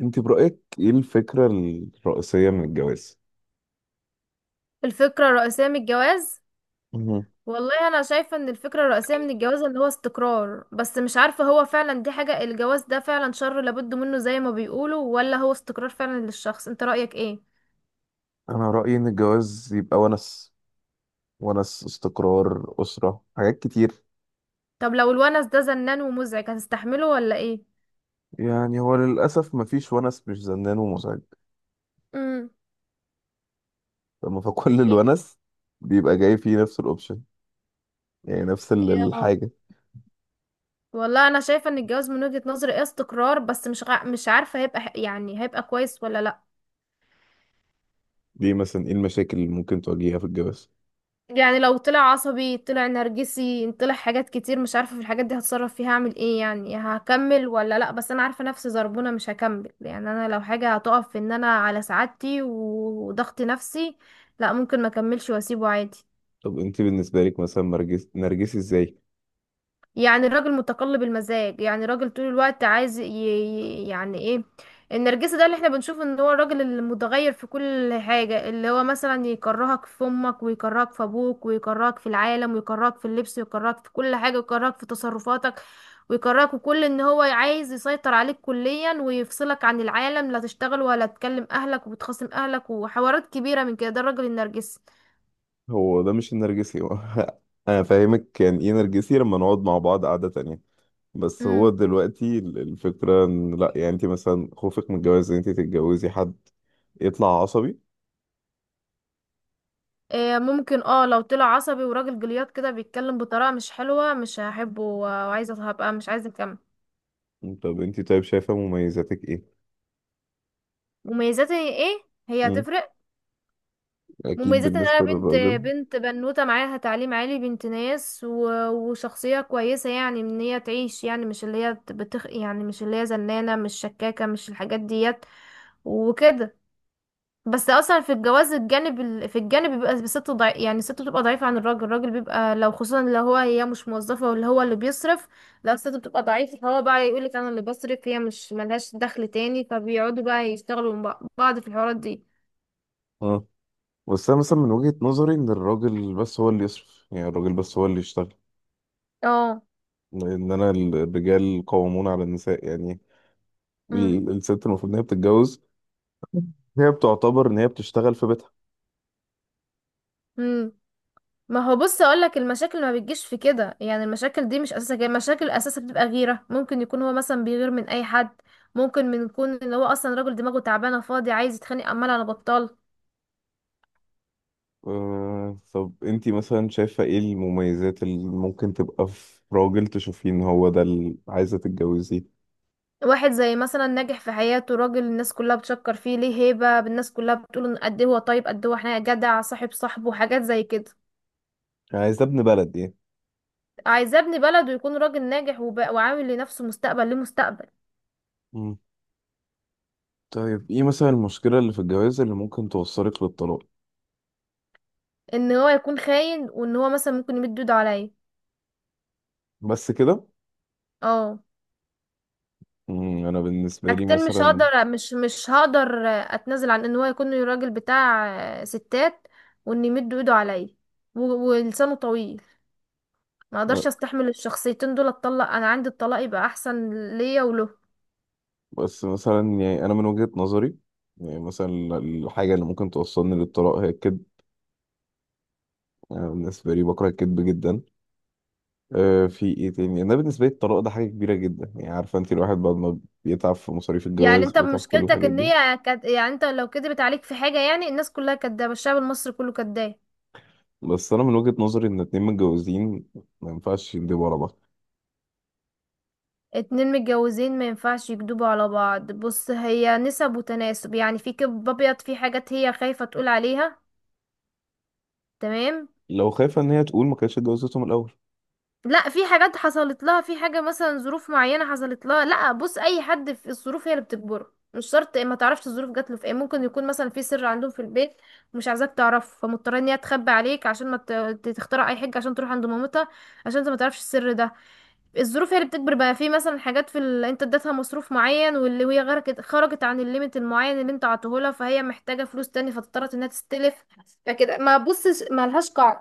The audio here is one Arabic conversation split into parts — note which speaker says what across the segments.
Speaker 1: انت برأيك ايه الفكرة الرئيسية من الجواز؟
Speaker 2: الفكرة الرئيسية من الجواز.
Speaker 1: مهم.
Speaker 2: والله أنا شايفة إن الفكرة الرئيسية من الجواز اللي هو استقرار، بس مش عارفة هو فعلا دي حاجة. الجواز ده فعلا شر لابد منه زي ما بيقولوا، ولا هو استقرار فعلا للشخص؟ انت رأيك ايه؟
Speaker 1: انا رأيي ان الجواز يبقى ونس. ونس، استقرار، أسرة، حاجات كتير.
Speaker 2: طب لو الونس ده زنان ومزعج هتستحمله ولا ايه؟
Speaker 1: يعني هو للأسف مفيش ونس مش زنان ومزعج.
Speaker 2: امم.
Speaker 1: لما فكل
Speaker 2: إيه-
Speaker 1: الونس بيبقى جاي فيه نفس الأوبشن. يعني نفس الحاجة.
Speaker 2: والله أنا شايفة إن الجواز من وجهة نظري ايه استقرار، بس مش عارفة هيبقى يعني هيبقى كويس ولا لأ.
Speaker 1: ليه مثلا ايه المشاكل اللي ممكن تواجهها في الجواز؟
Speaker 2: يعني لو طلع عصبي، طلع نرجسي، طلع حاجات كتير مش عارفة في الحاجات دي هتصرف فيها اعمل ايه، يعني هكمل ولا لا، بس انا عارفة نفسي زربونة مش هكمل. يعني انا لو حاجة هتقف في ان انا على سعادتي وضغط نفسي، لا ممكن ما اكملش واسيبه عادي.
Speaker 1: طب انت بالنسبة لك مثلا نرجسي نرجسي ازاي؟
Speaker 2: يعني الراجل متقلب المزاج، يعني راجل طول الوقت عايز يعني ايه، النرجسي ده اللي احنا بنشوف ان هو الراجل المتغير في كل حاجة، اللي هو مثلا يكرهك في امك، ويكرهك في ابوك، ويكرهك في العالم، ويكرهك في اللبس، ويكرهك في كل حاجة، ويكرهك في تصرفاتك، ويكرهك، وكل ان هو عايز يسيطر عليك كليا ويفصلك عن العالم، لا تشتغل ولا تكلم اهلك، وبتخاصم اهلك، وحوارات كبيرة من كده. ده الراجل النرجسي.
Speaker 1: هو ده مش النرجسي هو. انا فاهمك يعني ايه نرجسي، لما نقعد مع بعض قعدة تانية. بس هو دلوقتي الفكرة ان لا، يعني انت مثلا خوفك من الجواز ان انت تتجوزي حد يطلع عصبي.
Speaker 2: إيه، ممكن اه، لو طلع عصبي وراجل جليات كده بيتكلم بطريقة مش حلوة مش هحبه وعايزة هبقى مش عايزة اكمل.
Speaker 1: طب انت طيب، شايفة مميزاتك ايه؟
Speaker 2: مميزاتي ايه؟ هي
Speaker 1: مم.
Speaker 2: هتفرق.
Speaker 1: اكيد
Speaker 2: مميزات ان انا
Speaker 1: بالنسبة
Speaker 2: بنت،
Speaker 1: للراجل.
Speaker 2: بنت بنوتة معاها تعليم عالي، بنت ناس وشخصية كويسة، يعني ان هي تعيش يعني مش اللي هي بتخ، يعني مش اللي هي زنانة، مش شكاكة، مش الحاجات ديت وكده. بس اصلا في الجواز الجانب في الجانب بيبقى الست يعني الست بتبقى ضعيفة عن الراجل، الراجل بيبقى لو خصوصا لو هو هي مش موظفة ولا هو اللي بيصرف. لو الست بتبقى ضعيفة فهو بقى يقولك انا اللي بصرف، هي مش ملهاش دخل تاني، فبيقعدوا بقى يشتغلوا مع بعض في الحوارات دي.
Speaker 1: اه، بس انا مثلا من وجهة نظري ان الراجل بس هو اللي يصرف، يعني الراجل بس هو اللي يشتغل.
Speaker 2: اه.
Speaker 1: لان انا الرجال قوامون على النساء، يعني
Speaker 2: امم.
Speaker 1: الست المفروض ان هي بتتجوز، هي بتعتبر ان هي بتشتغل في بيتها.
Speaker 2: امم. ما هو بص اقولك المشاكل ما بتجيش في كده، يعني المشاكل دي مش اساسها جاي، المشاكل اساسها بتبقى غيرة، ممكن يكون هو مثلا بيغير من اي حد، ممكن من يكون ان هو اصلا راجل دماغه تعبانة فاضي عايز يتخانق عمال على بطال.
Speaker 1: آه، طب انتي مثلا شايفة ايه المميزات اللي ممكن تبقى في راجل تشوفين هو ده اللي عايزة تتجوزيه؟
Speaker 2: واحد زي مثلا ناجح في حياته، راجل الناس كلها بتشكر فيه، ليه هيبة، الناس كلها بتقول ان قد ايه هو طيب، قد ايه هو احنا جدع، صاحب صاحبه، حاجات زي كده.
Speaker 1: يعني عايزة ابن بلد ايه.
Speaker 2: عايزاه ابن بلده، يكون راجل ناجح وعامل لنفسه مستقبل، ليه مستقبل.
Speaker 1: مم. طيب ايه مثلا المشكلة اللي في الجواز اللي ممكن توصلك للطلاق؟
Speaker 2: ان هو يكون خاين، وان هو مثلا ممكن يمد ايده عليا.
Speaker 1: بس كده؟
Speaker 2: اه.
Speaker 1: انا بالنسبة لي
Speaker 2: حاجتين مش
Speaker 1: مثلا.
Speaker 2: هقدر، مش هقدر اتنازل عن ان هو يكون راجل بتاع ستات، وان يمد ايده عليا، ولسانه طويل. ما
Speaker 1: أنا،
Speaker 2: اقدرش استحمل الشخصيتين دول، اتطلق، انا عندي الطلاق يبقى احسن ليا وله.
Speaker 1: بس مثلا يعني انا من وجهة نظري، يعني مثلا الحاجة اللي ممكن توصلني للطلاق هي الكذب. انا بالنسبة لي بكره الكذب جدا. آه، في ايه تاني؟ انا بالنسبه لي الطلاق ده حاجه كبيره جدا. يعني عارفه انت الواحد بعد ما بيتعب في مصاريف
Speaker 2: يعني
Speaker 1: الجواز،
Speaker 2: انت
Speaker 1: بيتعب في كل
Speaker 2: مشكلتك
Speaker 1: الحاجات
Speaker 2: ان
Speaker 1: دي.
Speaker 2: هي يعني انت لو كدبت عليك في حاجة، يعني الناس كلها كدابة، الشعب المصري كله كداب.
Speaker 1: بس انا من وجهه نظري ان اتنين متجوزين ما ينفعش يندبوا على بعض.
Speaker 2: اتنين متجوزين ما ينفعش يكدبوا على بعض. بص هي نسب وتناسب، يعني في كذب ابيض، في حاجات هي خايفة تقول عليها. تمام.
Speaker 1: لو خايفه ان هي تقول ما كانتش اتجوزتهم الاول.
Speaker 2: لا، في حاجات حصلت لها، في حاجة مثلا ظروف معينة حصلت لها. لا بص، اي حد في الظروف هي اللي بتجبره، مش شرط ما تعرفش الظروف جات له في ايه، ممكن يكون مثلا في سر عندهم في البيت مش عايزاك تعرفه، فمضطره ان هي تخبي عليك عشان ما تخترع اي حاجه عشان تروح عند مامتها، عشان انت ما تعرفش السر ده. الظروف هي اللي بتجبر بقى. في مثلا حاجات في انت اديتها مصروف معين واللي هي غرقت، خرجت عن الليميت المعين اللي انت عطيهولها، فهي محتاجه فلوس تاني، فاضطرت انها تستلف. فكده ما بصش، ما لهاش قاعده،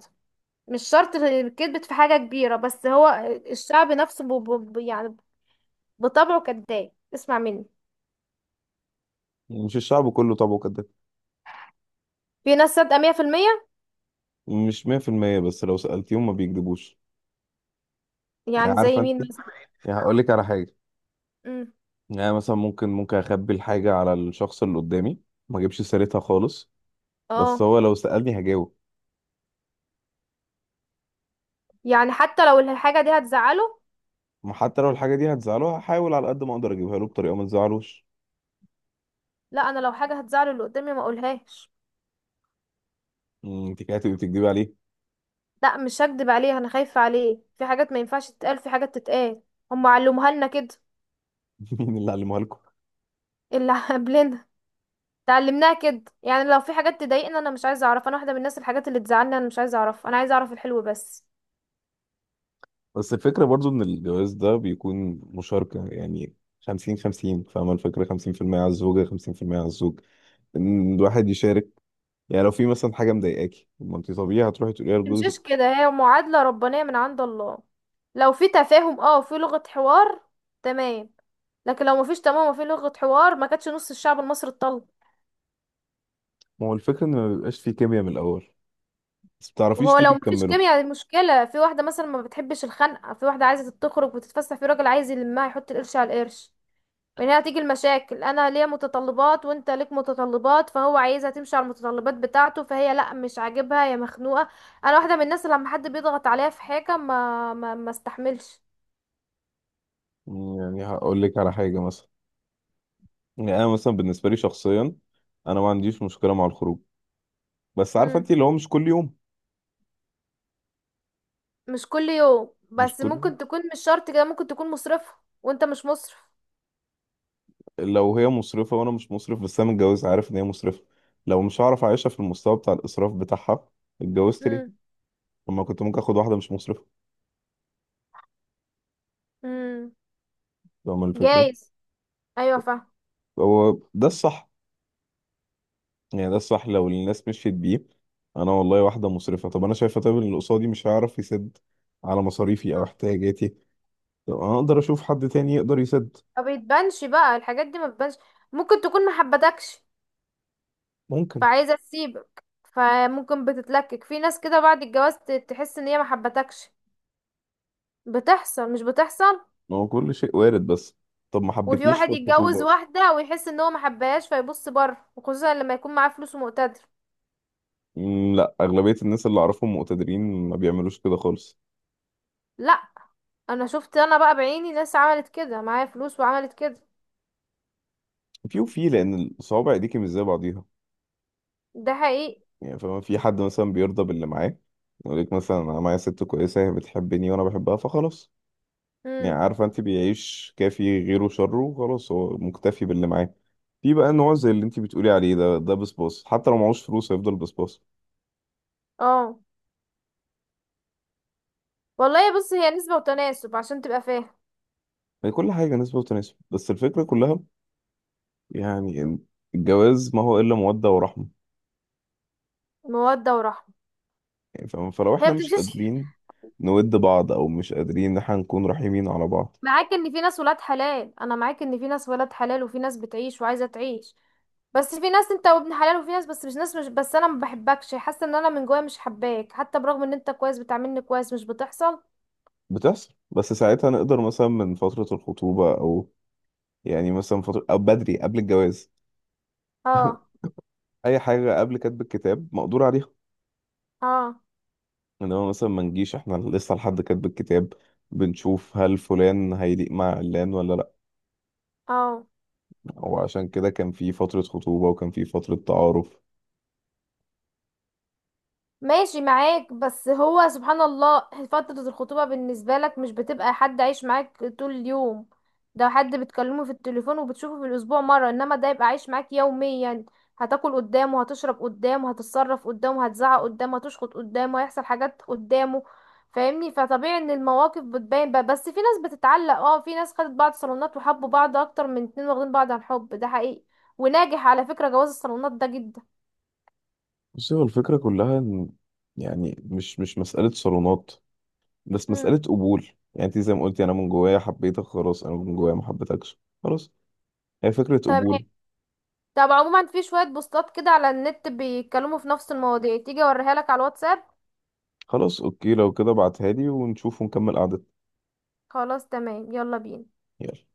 Speaker 2: مش شرط كذبت في حاجة كبيرة. بس هو الشعب نفسه يعني بطبعه كذاب، اسمع مني.
Speaker 1: يعني مش الشعب كله طبعا كده.
Speaker 2: في ناس صادقة 100%.
Speaker 1: مش 100% بس لو سالتيهم ما بيكذبوش.
Speaker 2: يعني
Speaker 1: يعني عارفه
Speaker 2: زي
Speaker 1: انت،
Speaker 2: مين مثلا؟
Speaker 1: يعني هقول لك على حاجه.
Speaker 2: امم.
Speaker 1: يعني مثلا ممكن اخبي الحاجه على الشخص اللي قدامي، ما اجيبش سيرتها خالص. بس
Speaker 2: اه.
Speaker 1: هو لو سالني هجاوب.
Speaker 2: يعني حتى لو الحاجة دي هتزعله.
Speaker 1: ما حتى لو الحاجه دي هتزعله هحاول على قد ما اقدر اجيبها له بطريقه ما تزعلوش.
Speaker 2: لا، انا لو حاجة هتزعله اللي قدامي ما اقولهاش.
Speaker 1: انت كده هتبقي بتكدبي عليه.
Speaker 2: لا مش هكدب عليه، انا خايفة عليه، في حاجات ما ينفعش تتقال، في حاجات تتقال، هم علموها لنا كده.
Speaker 1: مين اللي علمها لكم؟
Speaker 2: اللي قبلنا. اتعلمناها كده، يعني لو في حاجات تضايقنا انا مش عايزه اعرف، انا واحده من الناس الحاجات اللي تزعلني انا مش عايزه اعرف، انا عايزه اعرف الحلو بس.
Speaker 1: بس الفكره برضو ان الجواز ده بيكون مشاركه، يعني 50 50. فاهمه الفكره؟ 50% على الزوجه، 50% على الزوج. ان الواحد يشارك. يعني لو في مثلا حاجه مضايقاكي، طب ما انت طبيعي هتروحي تقوليها
Speaker 2: تمشيش
Speaker 1: لجوزك.
Speaker 2: كده، هي معادلة ربانية من عند الله. لو في تفاهم، اه، في لغة حوار، تمام. لكن لو مفيش تمام وفي لغة حوار، ما كانتش نص الشعب المصري اتطلق.
Speaker 1: ما هو الفكره ان ما بيبقاش في كيمياء من الاول. بس ما بتعرفيش
Speaker 2: وهو
Speaker 1: ليه
Speaker 2: لو مفيش
Speaker 1: بتكملوا؟
Speaker 2: كيمياء دي مشكلة، في واحدة مثلا ما بتحبش الخنقة، في واحدة عايزة تخرج وتتفسح، في راجل عايز يلمها يحط القرش على القرش. من هنا هتيجي المشاكل، انا ليا متطلبات وانت ليك متطلبات، فهو عايزها تمشي على المتطلبات بتاعته، فهي لا مش عاجبها يا مخنوقة. انا واحدة من الناس اللي لما حد بيضغط عليها في حاجة ما استحملش.
Speaker 1: يعني هقول لك على حاجه مثلا. يعني انا مثلا بالنسبه لي شخصيا، انا ما عنديش مشكله مع الخروج. بس عارفه انت، اللي هو مش كل يوم.
Speaker 2: مش كل يوم،
Speaker 1: مش
Speaker 2: بس
Speaker 1: كل
Speaker 2: ممكن تكون مش شرط كده، ممكن تكون مصرفة وانت مش مصرف.
Speaker 1: لو هي مصرفة وانا مش مصرف، بس انا متجوز عارف ان هي مصرفة. لو مش هعرف اعيشها في المستوى بتاع الاسراف بتاعها، اتجوزت ليه؟
Speaker 2: امم.
Speaker 1: لما كنت ممكن اخد واحدة مش مصرفة.
Speaker 2: امم.
Speaker 1: فاهم الفكرة.
Speaker 2: جايز. ايوه فاهم.
Speaker 1: هو ده الصح. يعني ده الصح لو الناس مشيت بيه. انا والله واحدة مصرفة، طب انا شايفة طيب ان اللي قصادي مش هيعرف يسد على مصاريفي او احتياجاتي. طب انا اقدر اشوف حد تاني يقدر يسد.
Speaker 2: ما بتبانش بقى الحاجات دي ما بتبانش. ممكن تكون ما حبتكش
Speaker 1: ممكن.
Speaker 2: فعايزة تسيبك، فممكن بتتلكك في ناس كده بعد الجواز تحس ان هي ما حبتكش، بتحصل مش بتحصل.
Speaker 1: ما هو كل شيء وارد. بس طب ما
Speaker 2: وفي
Speaker 1: حبتنيش في
Speaker 2: واحد يتجوز
Speaker 1: الخطوبة؟
Speaker 2: واحدة ويحس ان هو ما حبهاش فيبص بره، وخصوصا لما يكون معاه فلوس ومقتدر.
Speaker 1: مم. لا، اغلبية الناس اللي اعرفهم مقتدرين ما بيعملوش كده خالص.
Speaker 2: لا. انا شفت انا بقى بعيني ناس عملت كده، معايا فلوس وعملت كده.
Speaker 1: في وفي، لان الصوابع ايديكي مش زي بعضيها.
Speaker 2: ده حقيقي.
Speaker 1: يعني فما في حد مثلا بيرضى باللي معاه. يقول لك مثلا انا معايا ست كويسه، هي بتحبني وانا بحبها، فخلاص. يعني
Speaker 2: امم.
Speaker 1: عارفه انت، بيعيش كافي، غيره شره، وخلاص هو مكتفي باللي معاه. في بقى نوع زي اللي انت بتقولي عليه ده بسباص، حتى لو معهوش فلوس هيفضل بسباص.
Speaker 2: اه. والله بص، هي نسبة وتناسب عشان تبقى فاهم.
Speaker 1: يعني كل حاجه نسبه وتناسب، بس الفكره كلها يعني إن الجواز ما هو الا موده ورحمه.
Speaker 2: مودة ورحمة.
Speaker 1: يعني فاهمة؟ فلو
Speaker 2: هي
Speaker 1: احنا مش
Speaker 2: بتمشيش
Speaker 1: قادرين نود بعض، او مش قادرين ان احنا نكون رحيمين على بعض.
Speaker 2: معاك ان في ناس ولاد حلال. انا معاك ان في ناس ولاد حلال، وفي ناس بتعيش وعايزة تعيش، بس في ناس انت وابن حلال، وفي ناس بس مش ناس مش بس انا ما بحبكش، حاسة ان انا من جوايا مش حباك حتى برغم ان انت كويس بتعاملني كويس. مش بتحصل.
Speaker 1: بتحصل، بس ساعتها نقدر مثلا من فترة الخطوبة، أو يعني مثلا فترة أو بدري قبل الجواز.
Speaker 2: اه.
Speaker 1: أي حاجة قبل كتب الكتاب مقدور عليها.
Speaker 2: اه.
Speaker 1: إنما مثلا ما نجيش إحنا لسه لحد كتب الكتاب بنشوف هل فلان هيليق مع علان ولا لأ.
Speaker 2: اه.
Speaker 1: وعشان كده كان في فترة خطوبة وكان في فترة تعارف.
Speaker 2: ماشي معاك، بس هو سبحان الله، فترة الخطوبة بالنسبة لك مش بتبقى حد عايش معاك طول اليوم، ده حد بتكلمه في التليفون وبتشوفه في الأسبوع مرة، إنما ده يبقى عايش معاك يوميا. هتاكل قدامه، هتشرب قدامه، هتتصرف قدامه، هتزعق قدامه، هتشخط قدامه، هيحصل حاجات قدامه، فاهمني؟ فطبيعي ان المواقف بتبان بقى. بس في ناس بتتعلق، اه في ناس خدت بعض صالونات وحبوا بعض اكتر من اتنين واخدين بعض عن حب، ده حقيقي وناجح. على فكرة جواز الصالونات ده جدا.
Speaker 1: بس هو الفكرة كلها إن، يعني مش مسألة صالونات، بس مسألة
Speaker 2: مم.
Speaker 1: قبول. يعني أنت زي ما قلتي، أنا من جوايا حبيتك خلاص، أنا من جوايا ما حبيتكش خلاص. هي فكرة
Speaker 2: تمام.
Speaker 1: قبول.
Speaker 2: طب عموما في شوية بوستات كده على النت بيتكلموا في نفس المواضيع، تيجي اوريها لك على الواتساب.
Speaker 1: خلاص اوكي، لو كده ابعتها لي، ونشوف ونكمل قعدتنا.
Speaker 2: خلاص تمام، يلا بينا.
Speaker 1: يلا.